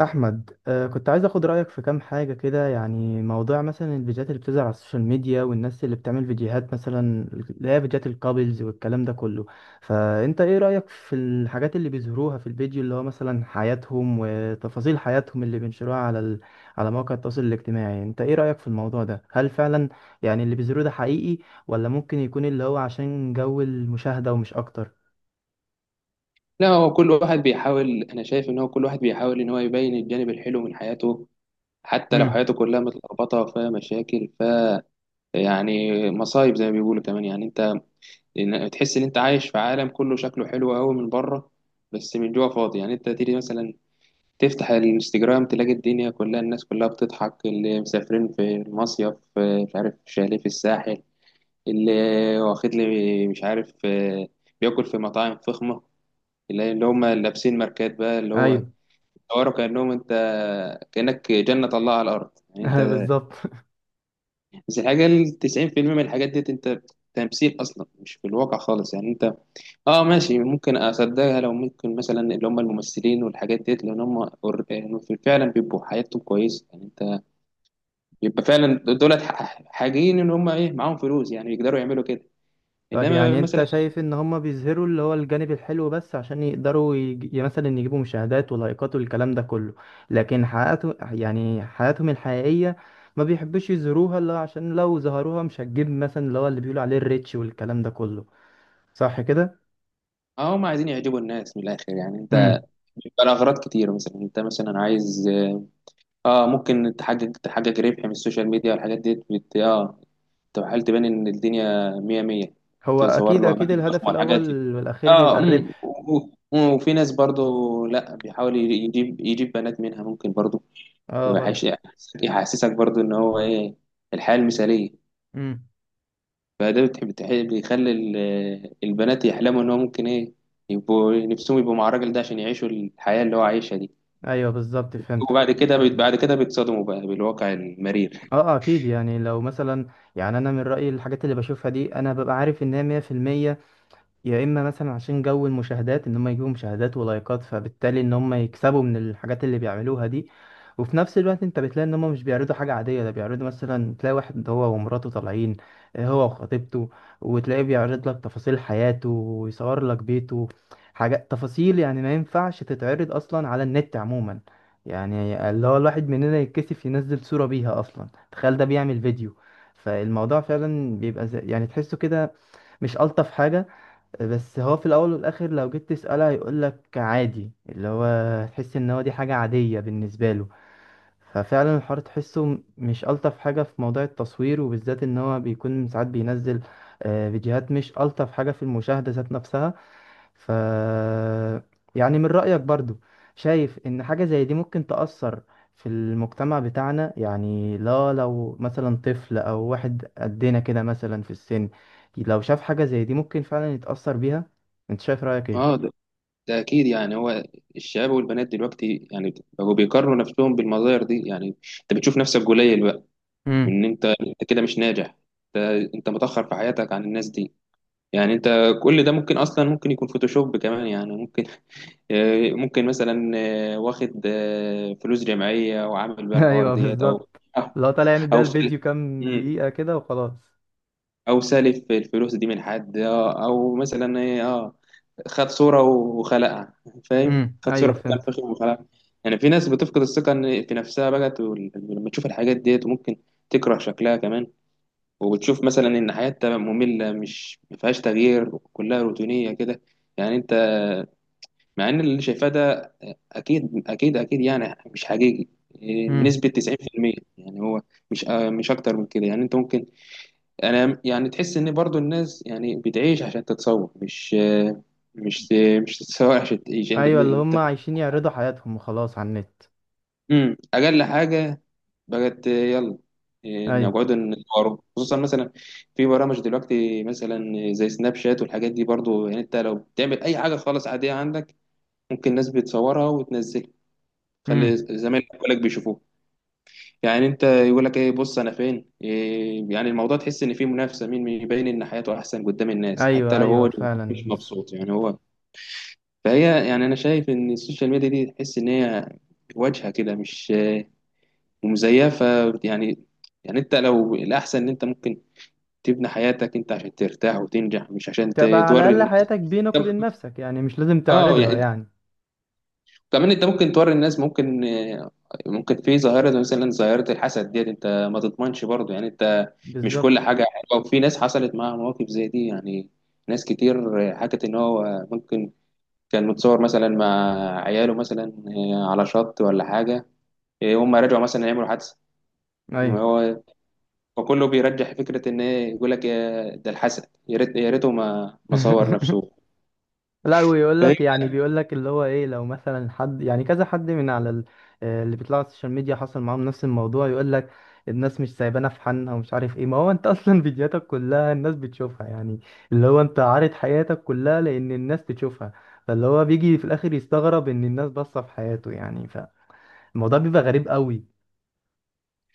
احمد، كنت عايز اخد رايك في كام حاجه كده. يعني موضوع مثلا الفيديوهات اللي بتظهر على السوشيال ميديا، والناس اللي بتعمل فيديوهات، مثلا اللي هي فيديوهات الكابلز والكلام ده كله. فانت ايه رايك في الحاجات اللي بيظهروها في الفيديو، اللي هو مثلا حياتهم وتفاصيل حياتهم اللي بينشروها على مواقع التواصل الاجتماعي؟ انت ايه رايك في الموضوع ده؟ هل فعلا يعني اللي بيظهروه ده حقيقي، ولا ممكن يكون اللي هو عشان جو المشاهده ومش اكتر؟ لا، هو كل واحد بيحاول. انا شايف ان هو كل واحد بيحاول ان هو يبين الجانب الحلو من حياته، حتى لو امم. حياته كلها متلخبطه وفيها مشاكل. يعني مصايب زي ما بيقولوا، كمان يعني انت تحس ان انت عايش في عالم كله شكله حلو قوي من بره، بس من جوه فاضي. يعني انت تيجي مثلا تفتح الانستجرام، تلاقي الدنيا كلها، الناس كلها بتضحك، اللي مسافرين في المصيف، مش عارف شاليه في الساحل، اللي واخد لي مش عارف، بياكل في مطاعم فخمه، اللي هم لابسين ماركات، بقى اللي هو ايوه. صوروا كأنهم انت، كأنك جنة الله على الأرض يعني انت. بالظبط. بس الحاجة ال 90% من الحاجات ديت انت تمثيل أصلا، مش في الواقع خالص يعني انت. اه ماشي، ممكن أصدقها لو ممكن مثلا اللي هم الممثلين والحاجات ديت، لأن هم يعني فعلا بيبقوا حياتهم كويسة يعني انت، بيبقى فعلا دولت حاجين ان هم ايه معاهم فلوس، يعني يقدروا يعملوا كده. طب انما يعني انت مثلا شايف ان هم بيظهروا اللي هو الجانب الحلو بس عشان يقدروا مثلا يجيبوا مشاهدات ولايكات والكلام ده كله؟ لكن حياته يعني حياتهم الحقيقية ما بيحبوش يظهروها، اللي هو عشان لو ظهروها مش هتجيب مثلا اللي هو اللي بيقولوا عليه الريتش والكلام ده كله. صح كده؟ اه هم عايزين يعجبوا الناس من الآخر يعني انت. امم. بيبقى الأغراض كتير، مثلا انت مثلا عايز اه ممكن تحقق ربح من السوشيال ميديا والحاجات دي بت... اه تحاول تبان ان الدنيا مية مية، هو تصور اكيد له اكيد اماكن الهدف فخمه الحاجات دي. الاول والاخير اه بيبقى امم، الربح. وفي ناس برضو لا، بيحاول يجيب بنات منها ممكن برضو. اه، برضه. وحش- يحسسك برضو ان هو ايه، الحياه المثاليه. امم. فده بيخلي البنات يحلموا ان هو ممكن ايه يبقوا نفسهم يبقوا مع الراجل ده عشان يعيشوا الحياه اللي هو عايشها دي. ايوه، بالظبط، وبعد فهمتك. كده بعد كده بيتصدموا بقى بالواقع المرير. اه، اكيد. يعني لو مثلا يعني انا من رأيي الحاجات اللي بشوفها دي انا ببقى عارف ان هي 100%. يا اما مثلا عشان جو المشاهدات ان هم يجيبوا مشاهدات ولايكات، فبالتالي ان هم يكسبوا من الحاجات اللي بيعملوها دي. وفي نفس الوقت انت بتلاقي ان هم مش بيعرضوا حاجة عادية. ده بيعرضوا مثلا تلاقي واحد هو ومراته طالعين، هو وخطيبته. وتلاقيه بيعرض لك تفاصيل حياته، ويصور لك بيته. حاجات تفاصيل يعني ما ينفعش تتعرض اصلا على النت عموما. يعني اللي هو الواحد مننا يتكسف ينزل صورة بيها اصلا، تخيل ده بيعمل فيديو. فالموضوع فعلا بيبقى زي يعني تحسه كده مش ألطف حاجة. بس هو في الاول والاخر لو جيت تسأله هيقول لك عادي، اللي هو تحس ان هو دي حاجة عادية بالنسبة له. ففعلا الحوار تحسه مش ألطف حاجة في موضوع التصوير، وبالذات ان هو بيكون ساعات بينزل فيديوهات مش ألطف حاجة في المشاهدة ذات نفسها. ف يعني من رأيك برضو، شايف ان حاجة زي دي ممكن تأثر في المجتمع بتاعنا؟ يعني لا، لو مثلا طفل او واحد قدنا كده مثلا في السن، لو شاف حاجة زي دي ممكن فعلا يتأثر بيها. انت شايف رأيك اه، ايه؟ ده أكيد يعني هو الشباب والبنات دلوقتي يعني بقوا بيقارنوا نفسهم بالمظاهر دي، يعني أنت بتشوف نفسك قليل بقى، امم. إن أنت كده مش ناجح، أنت أنت متأخر في حياتك عن الناس دي. يعني أنت كل ده ممكن أصلا ممكن يكون فوتوشوب كمان، يعني ممكن، ممكن مثلا، واخد فلوس جمعية وعامل بيها الحوار ايوه، ديت، أو بالظبط. أو لو طالع يعمل بيها أو سل- الفيديو كام دقيقة كده وخلاص. او سالف الفلوس دي من حد اه، او مثلا ايه اه، خد صوره وخلقها، فاهم، امم. خد صوره ايوه، في فهمت. الفخذ وخلقها. يعني في ناس بتفقد الثقه في نفسها بقت، لما تشوف الحاجات ديت وممكن تكره شكلها كمان، وبتشوف مثلا ان حياتها ممله مش ما فيهاش تغيير، كلها روتينيه كده يعني انت، مع ان اللي شايفاه ده اكيد اكيد اكيد يعني مش حقيقي، امم. بنسبه 90% يعني هو، مش مش اكتر من كده يعني انت ممكن. انا يعني تحس ان برضو الناس يعني بتعيش عشان تتصور، مش مش تتصور عشان تعيش انت ايوه، اللي انت. هم عايشين يعرضوا حياتهم وخلاص على النت. امم، اقل حاجه بقت يلا ايوه. نقعد نصوره، خصوصا مثلا في برامج دلوقتي مثلا زي سناب شات والحاجات دي برضو، يعني انت لو بتعمل اي حاجه خالص عاديه عندك، ممكن الناس بتصورها وتنزلها، خلي امم. زمايلك كلك بيشوفوها. يعني انت يقول لك ايه، بص انا فين إيه، يعني الموضوع تحس ان فيه منافسه مين يبين ان حياته احسن قدام الناس حتى ايوه، لو ايوه، هو مش فعلا. مبسوط يعني هو. فهي يعني انا شايف ان السوشيال ميديا دي تحس ان هي واجهه كده مش، مزيفه يعني. يعني انت لو الاحسن ان انت ممكن تبني حياتك انت عشان ترتاح وتنجح مش عشان تبقى على توري الأقل الناس. حياتك بينك طب وبين نفسك، يعني مش لازم اه تعرضها يعني يعني. كمان انت ممكن توري الناس ممكن، ممكن في ظاهرة زي مثلا ظاهرة الحسد ديت، انت ما تضمنش برضه يعني انت، مش كل بالظبط. حاجة حلوة، وفي ناس حصلت معاها مواقف زي دي يعني، ناس كتير حكت ان هو ممكن كان متصور مثلا مع عياله مثلا على شط ولا حاجة، هم رجعوا مثلا يعملوا حادثة أيوة. هو، وكله بيرجح فكرة ان ايه، يقول لك يا ده الحسد، يا ريت يا ريته ما صور نفسه، لا. ويقول فاهم؟ لك يعني بيقول لك اللي هو إيه، لو مثلا حد يعني كذا حد من على اللي بيطلعوا على السوشيال ميديا حصل معاهم نفس الموضوع، يقول لك: الناس مش سايبانا في حالنا ومش عارف إيه. ما هو أنت أصلا فيديوهاتك كلها الناس بتشوفها يعني. اللي هو أنت عارض حياتك كلها لأن الناس تشوفها. فاللي هو بيجي في الآخر يستغرب إن الناس باصة في حياته يعني. فالموضوع بيبقى غريب قوي.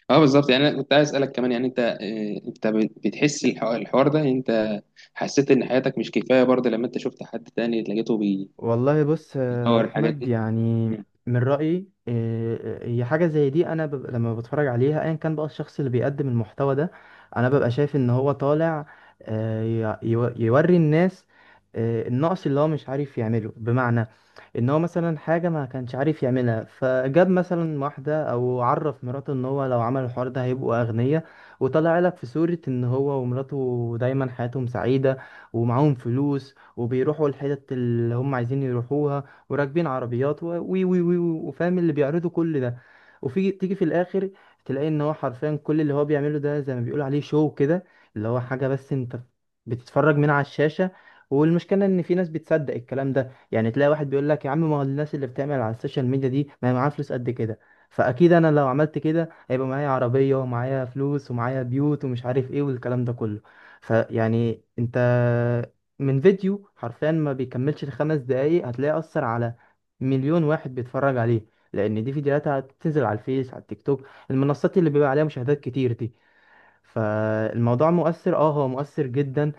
اه بالظبط. يعني انا كنت عايز اسالك كمان يعني انت، انت بتحس الحوار ده يعني انت، حسيت ان حياتك مش كفايه برضه لما انت شفت حد تاني لقيته بيدور والله بص يا الحاجات احمد، دي. يعني مم. من رايي، هي حاجه زي دي انا ببقى لما بتفرج عليها، ايا كان بقى الشخص اللي بيقدم المحتوى ده، انا ببقى شايف ان هو طالع، آه، يوري الناس النقص اللي هو مش عارف يعمله. بمعنى ان هو مثلا حاجه ما كانش عارف يعملها، فجاب مثلا واحده او عرف مراته ان هو لو عمل الحوار ده هيبقوا اغنياء. وطلع لك في صوره ان هو ومراته دايما حياتهم سعيده، ومعاهم فلوس، وبيروحوا الحتت اللي هم عايزين يروحوها، وراكبين عربيات و وي وي وي وي- وفاهم اللي بيعرضوا كل ده. وفي تيجي في الاخر، تلاقي ان هو حرفيا كل اللي هو بيعمله ده زي ما بيقول عليه شو كده، اللي هو حاجة بس انت بتتفرج من على الشاشة. والمشكلة ان في ناس بتصدق الكلام ده. يعني تلاقي واحد بيقول لك: يا عم، ما هو الناس اللي بتعمل على السوشيال ميديا دي ما هي معاها فلوس قد كده، فاكيد انا لو عملت كده هيبقى معايا عربية ومعايا فلوس ومعايا بيوت ومش عارف ايه والكلام ده كله. فيعني انت، من فيديو حرفيا ما بيكملش الخمس دقايق، هتلاقي أثر على مليون واحد بيتفرج عليه، لأن دي فيديوهات هتنزل على الفيس، على التيك توك، المنصات اللي بيبقى عليها مشاهدات كتير دي. فالموضوع مؤثر، اه، هو مؤثر جدا.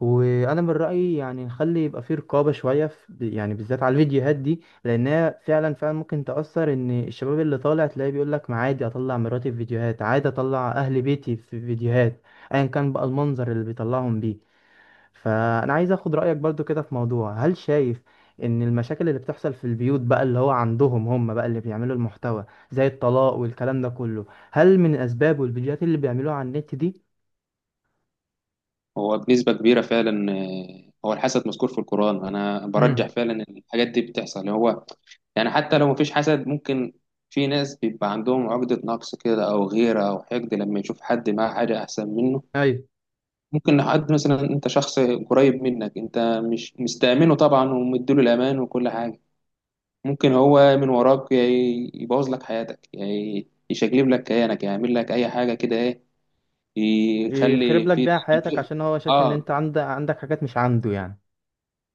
وانا من رأيي يعني نخلي يبقى فيه رقابة شوية في، يعني بالذات على الفيديوهات دي، لانها فعلا فعلا ممكن تأثر. ان الشباب اللي طالع تلاقيه بيقول لك: ما عادي اطلع مراتي في فيديوهات، عادي اطلع اهل بيتي في فيديوهات، ايا كان بقى المنظر اللي بيطلعهم بيه. فانا عايز اخد رايك برضو كده في موضوع، هل شايف ان المشاكل اللي بتحصل في البيوت بقى، اللي هو عندهم، هم بقى اللي بيعملوا المحتوى، زي الطلاق والكلام ده كله، هل من اسبابه الفيديوهات اللي بيعملوها على النت دي؟ هو بنسبه كبيره فعلا، هو الحسد مذكور في القران، انا برجح امم. فعلا ان الحاجات دي بتحصل هو، يعني حتى لو مفيش حسد ممكن في ناس بيبقى عندهم عقده نقص كده، او غيره، او حقد لما يشوف حد معاه حاجه احسن منه. ايوه. ممكن حد مثلا انت شخص قريب منك انت مش مستأمنه طبعا ومديله الامان وكل حاجه، ممكن هو من وراك يبوظ لك حياتك، يعني يشقلب لك كيانك، يعمل لك اي حاجه كده ايه، يخرب يخلي لك في بيها دايما حياتك في- عشان هو شايف ان انت اه عندك حاجات مش عنده يعني.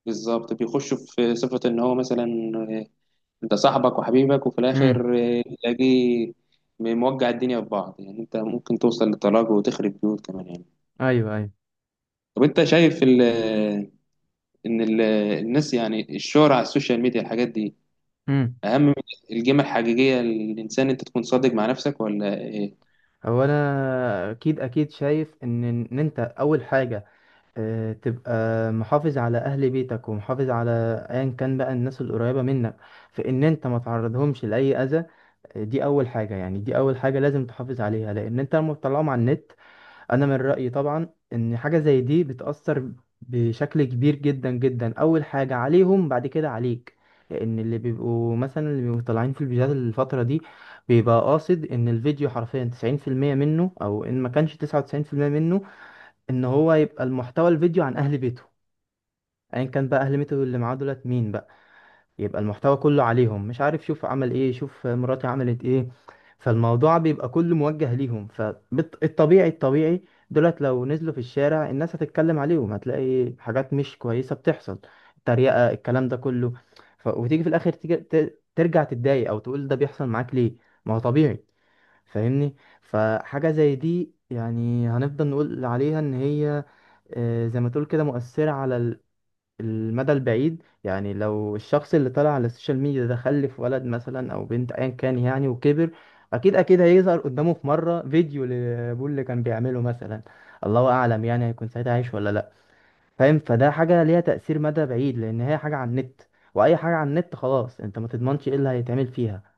بالظبط، بيخش في صفه ان هو مثلا، آه، انت صاحبك وحبيبك، وفي امم. الاخر تلاقيه موجع الدنيا في بعض، يعني انت ممكن توصل للطلاق وتخرب بيوت كمان يعني. ايوه، ايوه. طب انت شايف ان ال- الناس يعني الشهرة على السوشيال ميديا الحاجات دي امم. اهم من القيمه الحقيقيه للانسان، انت تكون صادق مع نفسك ولا؟ هو انا اكيد اكيد شايف ان انت اول حاجة، تبقى محافظ على اهل بيتك ومحافظ على ايا كان بقى الناس القريبه منك، في ان انت ما تعرضهمش لاي اذى. دي اول حاجه، يعني دي اول حاجه لازم تحافظ عليها، لان انت لما بتطلعهم على النت، انا من رايي طبعا ان حاجه زي دي بتاثر بشكل كبير جدا جدا، اول حاجه عليهم بعد كده عليك. لان اللي بيبقوا مثلا اللي بيبقوا طالعين في الفيديوهات الفتره دي، بيبقى قاصد ان الفيديو حرفيا 90% منه، او ان ما كانش 99% منه، ان هو يبقى المحتوى الفيديو عن اهل بيته، ايا كان بقى اهل بيته اللي معاه دولت مين بقى. يبقى المحتوى كله عليهم، مش عارف، شوف عمل ايه، شوف مراتي عملت ايه. فالموضوع بيبقى كله موجه ليهم، فالطبيعي الطبيعي دولت لو نزلوا في الشارع الناس هتتكلم عليهم، هتلاقي حاجات مش كويسة بتحصل، تريقة الكلام ده كله. وتيجي في الاخر ترجع تتضايق، او تقول ده بيحصل معاك ليه، ما هو طبيعي، فاهمني. فحاجة زي دي يعني هنفضل نقول عليها ان هي، زي ما تقول كده، مؤثرة على المدى البعيد. يعني لو الشخص اللي طلع على السوشيال ميديا ده خلف ولد مثلا او بنت ايا كان يعني، وكبر، اكيد اكيد هيظهر قدامه في مرة فيديو لابوه اللي كان بيعمله مثلا. الله اعلم يعني هيكون ساعتها عايش ولا لا. فاهم، فده حاجة ليها تأثير مدى بعيد، لان هي حاجة على النت، واي حاجة على النت خلاص انت ما تضمنش ايه اللي هيتعمل فيها.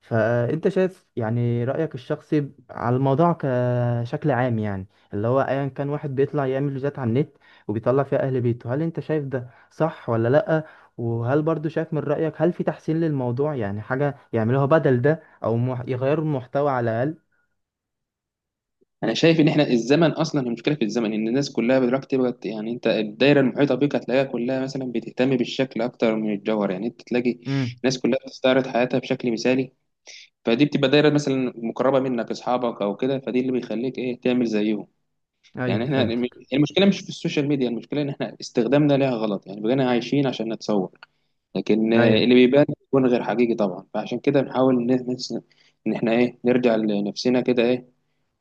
فانت شايف يعني رأيك الشخصي على الموضوع كشكل عام يعني، اللي هو ايا كان واحد بيطلع يعمل فيديوهات على النت وبيطلع فيها اهل بيته، هل انت شايف ده صح ولا لأ؟ وهل برضو شايف من رأيك، هل في تحسين للموضوع يعني حاجة يعملوها بدل ده، او يغيروا المحتوى على الأقل؟ انا شايف ان احنا الزمن اصلا، المشكله في الزمن ان الناس كلها دلوقتي بقت يعني انت الدايره المحيطه بيك هتلاقيها كلها مثلا بتهتم بالشكل اكتر من الجوهر، يعني انت تلاقي امم. الناس كلها بتستعرض حياتها بشكل مثالي، فدي بتبقى دايره مثلا مقربه منك اصحابك او كده، فدي اللي بيخليك ايه تعمل زيهم. ايوه، يعني احنا فهمتك. المشكله مش في السوشيال ميديا، المشكله ان احنا استخدامنا ليها غلط، يعني بقينا عايشين عشان نتصور، لكن ايوه. اللي بيبان بيكون غير حقيقي طبعا، فعشان كده بنحاول ان احنا ايه نرجع لنفسنا كده ايه،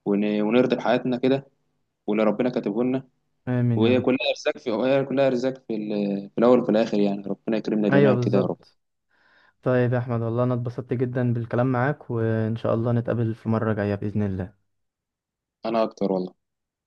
ونرضي بحياتنا كده، واللي ربنا كاتبه لنا. امين يا رب. وهي كلها ارزاق في، في الاول وفي الاخر، يعني ربنا يكرمنا ايوه، جميعا كده يا رب. بالظبط. طيب يا احمد، والله انا اتبسطت جدا بالكلام معاك، وان شاء الله نتقابل في مرة جاية بإذن الله. انا اكتر والله.